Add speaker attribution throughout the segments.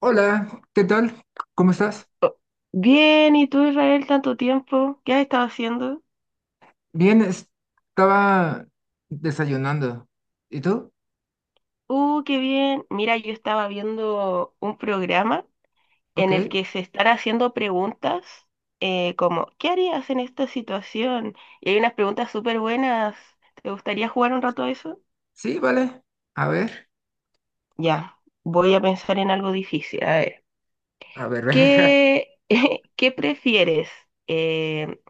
Speaker 1: Hola, ¿qué tal? ¿Cómo estás?
Speaker 2: Oh, bien, ¿y tú, Israel, tanto tiempo? ¿Qué has estado haciendo?
Speaker 1: Bien, estaba desayunando. ¿Y tú?
Speaker 2: Qué bien. Mira, yo estaba viendo un programa en
Speaker 1: Ok.
Speaker 2: el que se están haciendo preguntas como, ¿qué harías en esta situación? Y hay unas preguntas súper buenas. ¿Te gustaría jugar un rato a eso?
Speaker 1: Sí, vale. A ver,
Speaker 2: Ya, voy a pensar en algo difícil. A ver,
Speaker 1: a ver.
Speaker 2: ¿qué, qué prefieres? Eh,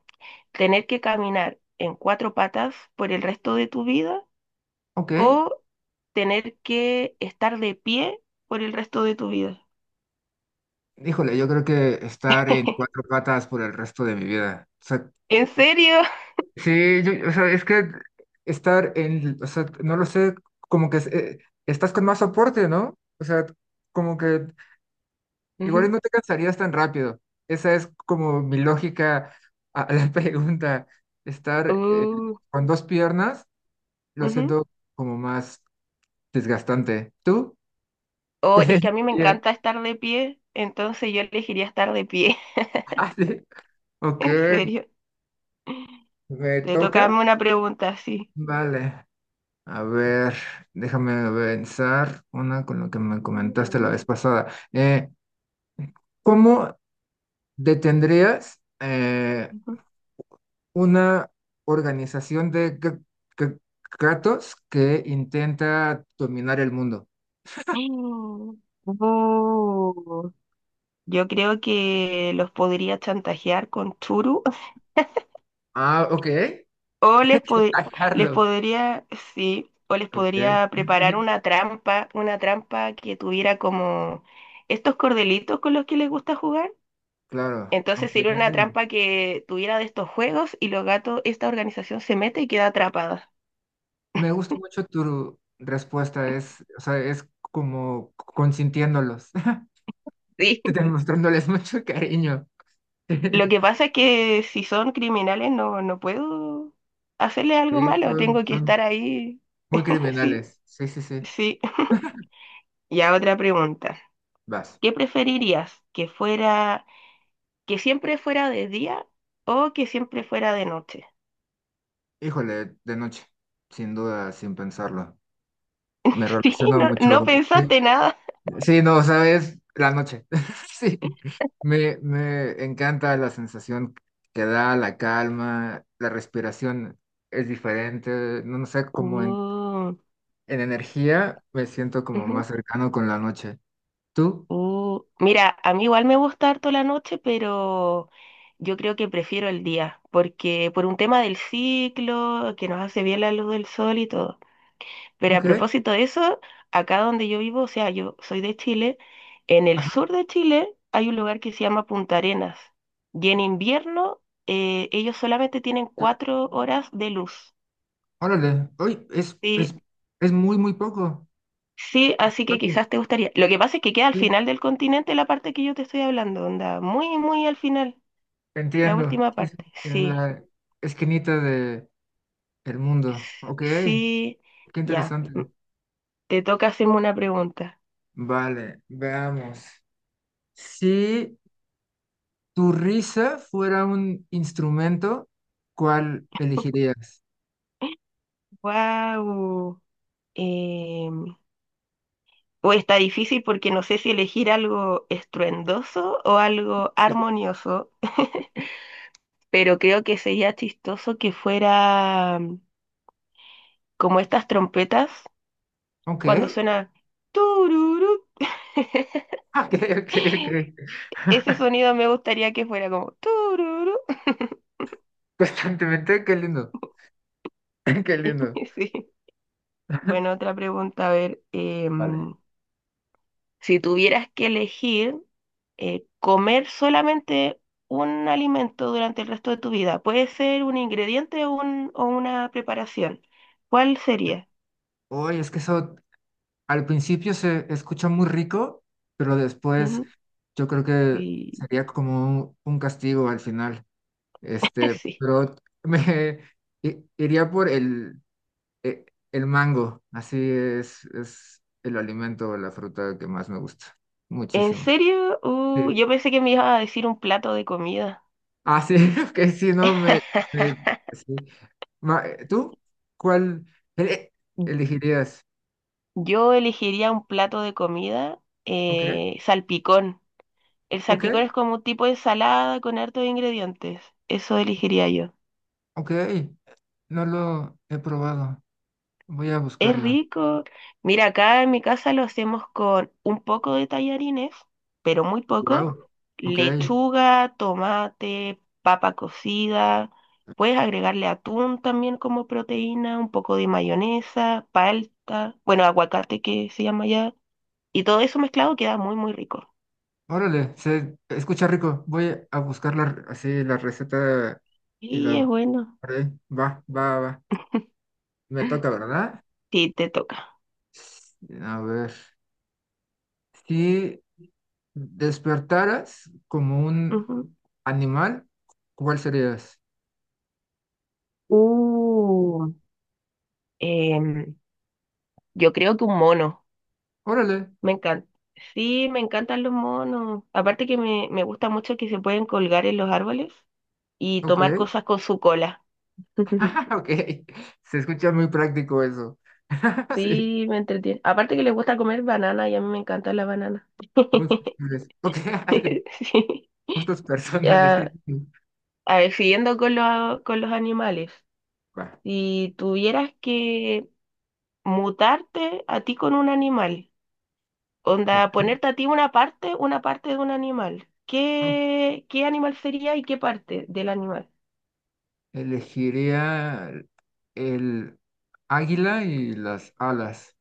Speaker 2: ¿Tener que caminar en cuatro patas por el resto de tu vida
Speaker 1: Ok.
Speaker 2: o tener que estar de pie por el resto de tu vida?
Speaker 1: Híjole, yo creo que estar en cuatro patas por el resto de mi vida. O sea,
Speaker 2: ¿En serio?
Speaker 1: sí, o sea, es que estar en, o sea, no lo sé, como que estás con más soporte, ¿no? O sea, como que igual y
Speaker 2: Ujú.
Speaker 1: no te cansarías tan rápido. Esa es como mi lógica a la pregunta. Estar
Speaker 2: Uh,
Speaker 1: con dos piernas lo
Speaker 2: Ujú.
Speaker 1: siento como más desgastante. ¿Tú?
Speaker 2: O
Speaker 1: ¿Cuál
Speaker 2: es
Speaker 1: es?
Speaker 2: que a mí me encanta estar de pie, entonces yo elegiría estar de pie.
Speaker 1: Ah, sí. Ok,
Speaker 2: En serio.
Speaker 1: ¿me
Speaker 2: Te toca
Speaker 1: toca?
Speaker 2: darme una pregunta así.
Speaker 1: Vale. A ver, déjame pensar una con lo que me comentaste
Speaker 2: Ujú.
Speaker 1: la vez pasada. ¿Cómo detendrías una organización de g- gatos que intenta dominar el mundo?
Speaker 2: Uh, yo creo que los podría chantajear con Churu.
Speaker 1: Ah, ok.
Speaker 2: O les, pod-
Speaker 1: A
Speaker 2: les
Speaker 1: Carlos.
Speaker 2: podría, Sí, o les
Speaker 1: Ok.
Speaker 2: podría preparar una trampa que tuviera como estos cordelitos con los que les gusta jugar.
Speaker 1: Claro,
Speaker 2: Entonces
Speaker 1: aunque
Speaker 2: sería una trampa que tuviera de estos juegos y los gatos, esta organización se mete y queda atrapada.
Speaker 1: me gusta mucho tu respuesta. Es, o sea, es como consintiéndolos,
Speaker 2: Sí.
Speaker 1: demostrándoles mucho cariño.
Speaker 2: Lo que pasa es que si son criminales no, no puedo hacerle
Speaker 1: Sí,
Speaker 2: algo malo,
Speaker 1: son,
Speaker 2: tengo que
Speaker 1: son
Speaker 2: estar ahí.
Speaker 1: muy
Speaker 2: Sí,
Speaker 1: criminales. Sí, sí, sí.
Speaker 2: sí. Ya otra pregunta.
Speaker 1: Vas.
Speaker 2: ¿Qué preferirías? ¿Que siempre fuera de día o que siempre fuera de noche?
Speaker 1: Híjole, de noche. Sin duda, sin pensarlo. Me
Speaker 2: Sí,
Speaker 1: relaciono
Speaker 2: no,
Speaker 1: mucho.
Speaker 2: no
Speaker 1: Sí.
Speaker 2: pensaste nada.
Speaker 1: Sí, no, sabes, la noche. Sí, me encanta la sensación que da, la calma, la respiración es diferente, no, no sé, como
Speaker 2: Uh,
Speaker 1: en energía me siento como
Speaker 2: ujú,
Speaker 1: más cercano con la noche. ¿Tú?
Speaker 2: uh. Mira, a mí igual me gusta harto la noche, pero yo creo que prefiero el día, porque por un tema del ciclo, que nos hace bien la luz del sol y todo. Pero a
Speaker 1: Ok.
Speaker 2: propósito de eso, acá donde yo vivo, o sea, yo soy de Chile, en el
Speaker 1: Ajá.
Speaker 2: sur de Chile hay un lugar que se llama Punta Arenas y en invierno ellos solamente tienen
Speaker 1: Sí.
Speaker 2: cuatro horas de luz.
Speaker 1: Órale. Uy,
Speaker 2: Sí,
Speaker 1: es muy, muy poco.
Speaker 2: sí, así que
Speaker 1: Claro,
Speaker 2: quizás te gustaría. Lo que pasa es que queda al
Speaker 1: sí,
Speaker 2: final del continente la parte que yo te estoy hablando, onda, muy, muy al final, la
Speaker 1: entiendo.
Speaker 2: última
Speaker 1: Sí, sí,
Speaker 2: parte.
Speaker 1: en
Speaker 2: Sí,
Speaker 1: la esquinita de el
Speaker 2: s-
Speaker 1: mundo. Ok, qué
Speaker 2: sí, ya.
Speaker 1: interesante.
Speaker 2: Te toca hacerme una pregunta.
Speaker 1: Vale, veamos. Sí, tu risa fuera un instrumento, ¿cuál elegirías?
Speaker 2: Wow. Uy, está difícil porque no sé si elegir algo estruendoso o algo
Speaker 1: Sí.
Speaker 2: armonioso, pero creo que sería chistoso que fuera como estas trompetas
Speaker 1: Ok,
Speaker 2: cuando suena tururú.
Speaker 1: ok, ok, ok.
Speaker 2: Ese sonido me gustaría que fuera como tururú.
Speaker 1: Constantemente, qué lindo, qué lindo.
Speaker 2: Sí. Bueno, otra pregunta, a ver,
Speaker 1: Vale.
Speaker 2: si tuvieras que elegir comer solamente un alimento durante el resto de tu vida. Puede ser un ingrediente o una preparación. ¿Cuál sería?
Speaker 1: Oye, es que eso al principio se escucha muy rico, pero después
Speaker 2: Ujú.
Speaker 1: yo creo que
Speaker 2: Y
Speaker 1: sería como un castigo al final. Este,
Speaker 2: sí.
Speaker 1: pero me iría por eh, el mango, así es el alimento o la fruta que más me gusta,
Speaker 2: ¿En
Speaker 1: muchísimo.
Speaker 2: serio?
Speaker 1: Sí.
Speaker 2: Yo pensé que me iba a decir un plato de comida.
Speaker 1: Ah, sí, que si no me, me- sí. ¿Tú cuál ele- elegirías?
Speaker 2: Yo elegiría un plato de comida
Speaker 1: Ok,
Speaker 2: salpicón. El salpicón
Speaker 1: ok,
Speaker 2: es como un tipo de ensalada con hartos ingredientes. Eso elegiría yo.
Speaker 1: ok, no lo he probado, voy a
Speaker 2: Es
Speaker 1: buscarla.
Speaker 2: rico. Mira, acá en mi casa lo hacemos con un poco de tallarines, pero muy poco.
Speaker 1: Wow, ok,
Speaker 2: Lechuga, tomate, papa cocida. Puedes agregarle atún también como proteína, un poco de mayonesa, palta, bueno, aguacate que se llama ya. Y todo eso mezclado queda muy, muy rico.
Speaker 1: órale, se escucha rico, voy a buscar la, así la receta y
Speaker 2: Y es
Speaker 1: lo...
Speaker 2: bueno.
Speaker 1: haré. Va, va, va, me toca, ¿verdad?
Speaker 2: Sí, te toca.
Speaker 1: A ver, si despertaras como un
Speaker 2: Ujú.
Speaker 1: animal, ¿cuál serías?
Speaker 2: Uh, em, yo creo que un mono.
Speaker 1: Órale,
Speaker 2: Me encanta. Sí, me encantan los monos. Aparte que me gusta mucho que se pueden colgar en los árboles y
Speaker 1: ok,
Speaker 2: tomar cosas con su cola.
Speaker 1: ok, se escucha muy práctico eso. Sí,
Speaker 2: Sí, me entretiene. Aparte que les gusta comer banana y a mí me encanta la banana.
Speaker 1: muy flexibles. Ok,
Speaker 2: Sí.
Speaker 1: gustos personales. Qué
Speaker 2: Ya,
Speaker 1: difícil.
Speaker 2: a ver, siguiendo con los animales.
Speaker 1: Va,
Speaker 2: Si tuvieras que mutarte a ti con un animal, onda,
Speaker 1: ok,
Speaker 2: ponerte a ti una parte de un animal,
Speaker 1: ah,
Speaker 2: ¿qué, qué animal sería y qué parte del animal?
Speaker 1: elegiría el águila y las alas.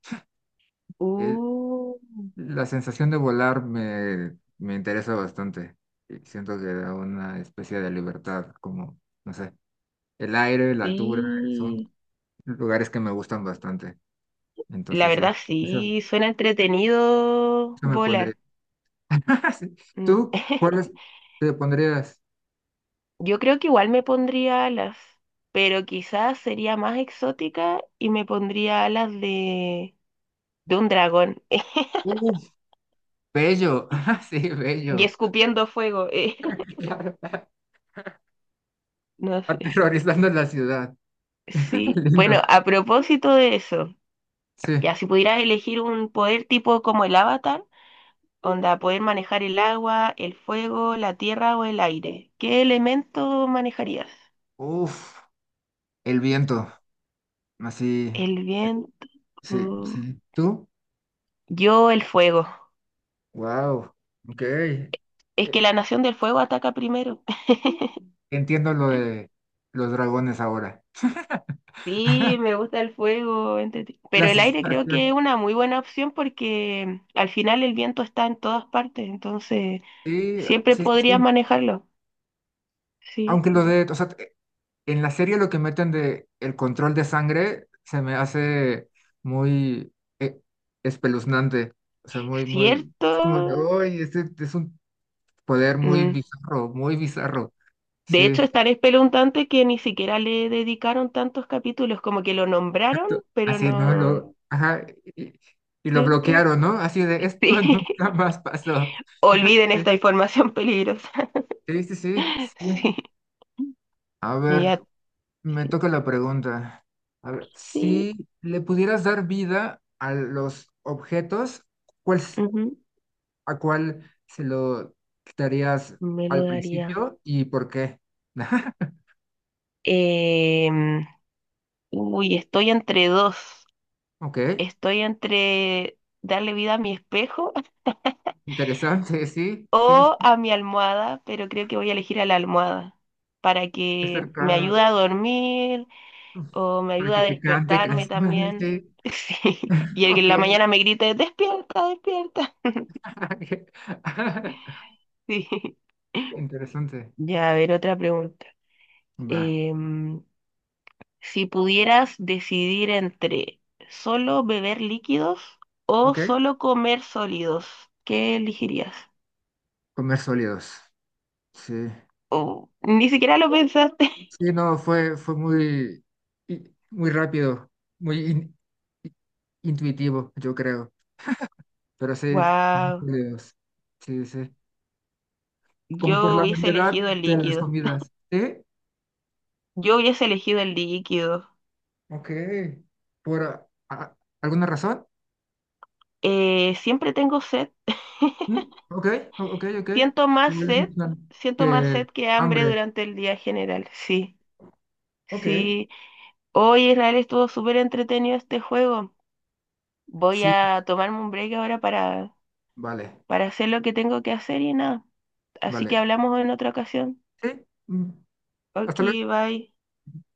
Speaker 2: Uh,
Speaker 1: La sensación de volar me interesa bastante. Y siento que da una especie de libertad, como, no sé, el aire, la altura, son
Speaker 2: sí.
Speaker 1: lugares que me gustan bastante.
Speaker 2: La
Speaker 1: Entonces, sí,
Speaker 2: verdad
Speaker 1: eso,
Speaker 2: sí, suena entretenido
Speaker 1: eso me pondría.
Speaker 2: volar.
Speaker 1: Sí.
Speaker 2: Mm.
Speaker 1: ¿Tú cuáles te pondrías?
Speaker 2: Yo creo que igual me pondría alas, pero quizás sería más exótica y me pondría alas de, un dragón
Speaker 1: Uf, bello. Sí,
Speaker 2: y
Speaker 1: bello.
Speaker 2: escupiendo fuego.
Speaker 1: Claro.
Speaker 2: No sé.
Speaker 1: Aterrorizando la ciudad.
Speaker 2: Sí. Bueno,
Speaker 1: Lindo.
Speaker 2: a propósito de eso,
Speaker 1: Sí.
Speaker 2: ya si pudieras elegir un poder tipo como el Avatar, onda, poder manejar el agua, el fuego, la tierra o el aire. ¿Qué elemento manejarías?
Speaker 1: Uf, el viento. Así,
Speaker 2: El viento.
Speaker 1: sí,
Speaker 2: mm,
Speaker 1: sí. ¿Tú?
Speaker 2: Yo el fuego.
Speaker 1: Wow, ok.
Speaker 2: Es que la nación del fuego ataca primero.
Speaker 1: Entiendo lo de los dragones ahora.
Speaker 2: Sí, me gusta el fuego,
Speaker 1: La
Speaker 2: pero el aire creo que
Speaker 1: sensación.
Speaker 2: es una muy buena opción porque al final el viento está en todas partes, entonces
Speaker 1: Sí,
Speaker 2: siempre
Speaker 1: sí, sí.
Speaker 2: podrías
Speaker 1: Sí.
Speaker 2: manejarlo. Sí.
Speaker 1: Aunque lo de, o sea, en la serie lo que meten de el control de sangre se me hace muy eh, espeluznante. O sea, muy, muy, es como de,
Speaker 2: ¿Cierto?
Speaker 1: "Uy, este es un poder muy
Speaker 2: Mm.
Speaker 1: bizarro, muy bizarro."
Speaker 2: De hecho,
Speaker 1: Sí,
Speaker 2: es tan espeluznante que ni siquiera le dedicaron tantos capítulos, como que lo nombraron, pero
Speaker 1: así, ¿no?
Speaker 2: no,
Speaker 1: Lo, ajá, y, y lo
Speaker 2: ¿cierto?
Speaker 1: bloquearon, ¿no? Así de, esto
Speaker 2: Sí.
Speaker 1: nunca más pasó.
Speaker 2: Olviden esta información peligrosa.
Speaker 1: Sí, sí, sí, sí.
Speaker 2: Sí.
Speaker 1: A
Speaker 2: Y
Speaker 1: ver,
Speaker 2: a
Speaker 1: me toca la pregunta. A ver,
Speaker 2: ti,
Speaker 1: si le pudieras dar vida a los objetos, ¿cuál,
Speaker 2: ujú,
Speaker 1: a cuál se lo quitarías
Speaker 2: me lo
Speaker 1: al
Speaker 2: daría.
Speaker 1: principio y por qué?
Speaker 2: Em, uy, estoy entre dos.
Speaker 1: Ok,
Speaker 2: Estoy entre darle vida a mi espejo
Speaker 1: interesante, sí, sí,
Speaker 2: o
Speaker 1: sí,
Speaker 2: a mi almohada, pero creo que voy a elegir a la almohada para
Speaker 1: qué
Speaker 2: que me
Speaker 1: cercano,
Speaker 2: ayude a dormir,
Speaker 1: uf,
Speaker 2: o me
Speaker 1: para
Speaker 2: ayuda
Speaker 1: que
Speaker 2: a
Speaker 1: te cante
Speaker 2: despertarme
Speaker 1: canciones,
Speaker 2: también.
Speaker 1: sí,
Speaker 2: Sí. Y el que en
Speaker 1: ok,
Speaker 2: la mañana me grite, despierta, despierta. Sí.
Speaker 1: interesante,
Speaker 2: Ya, a ver, otra pregunta.
Speaker 1: va,
Speaker 2: Em, si pudieras decidir entre solo beber líquidos o
Speaker 1: ok,
Speaker 2: solo comer sólidos, ¿qué elegirías?
Speaker 1: comer sólidos, sí,
Speaker 2: Oh, ni siquiera lo pensaste.
Speaker 1: sí, no, fue, fue muy, muy rápido, muy i- intuitivo, yo creo. Pero sí, muchos
Speaker 2: Wow,
Speaker 1: videos. Sí, sí. Como por
Speaker 2: yo
Speaker 1: la
Speaker 2: hubiese
Speaker 1: variedad
Speaker 2: elegido el
Speaker 1: de las
Speaker 2: líquido.
Speaker 1: comidas. ¿Sí?
Speaker 2: Yo hubiese elegido el líquido.
Speaker 1: Ok. ¿Por alguna razón?
Speaker 2: Siempre tengo sed.
Speaker 1: ¿Mm? Ok, ok, ok.
Speaker 2: Siento más
Speaker 1: Igual es mi
Speaker 2: sed,
Speaker 1: plan.
Speaker 2: siento más
Speaker 1: Que
Speaker 2: sed que hambre
Speaker 1: hambre.
Speaker 2: durante el día general. Sí,
Speaker 1: Ok,
Speaker 2: sí. Hoy Israel estuvo súper entretenido este juego. Voy
Speaker 1: sí,
Speaker 2: a tomarme un break ahora
Speaker 1: vale,
Speaker 2: para hacer lo que tengo que hacer y nada. Así que
Speaker 1: vale.
Speaker 2: hablamos en otra ocasión.
Speaker 1: Sí, mm,
Speaker 2: Ok,
Speaker 1: hasta luego.
Speaker 2: bye.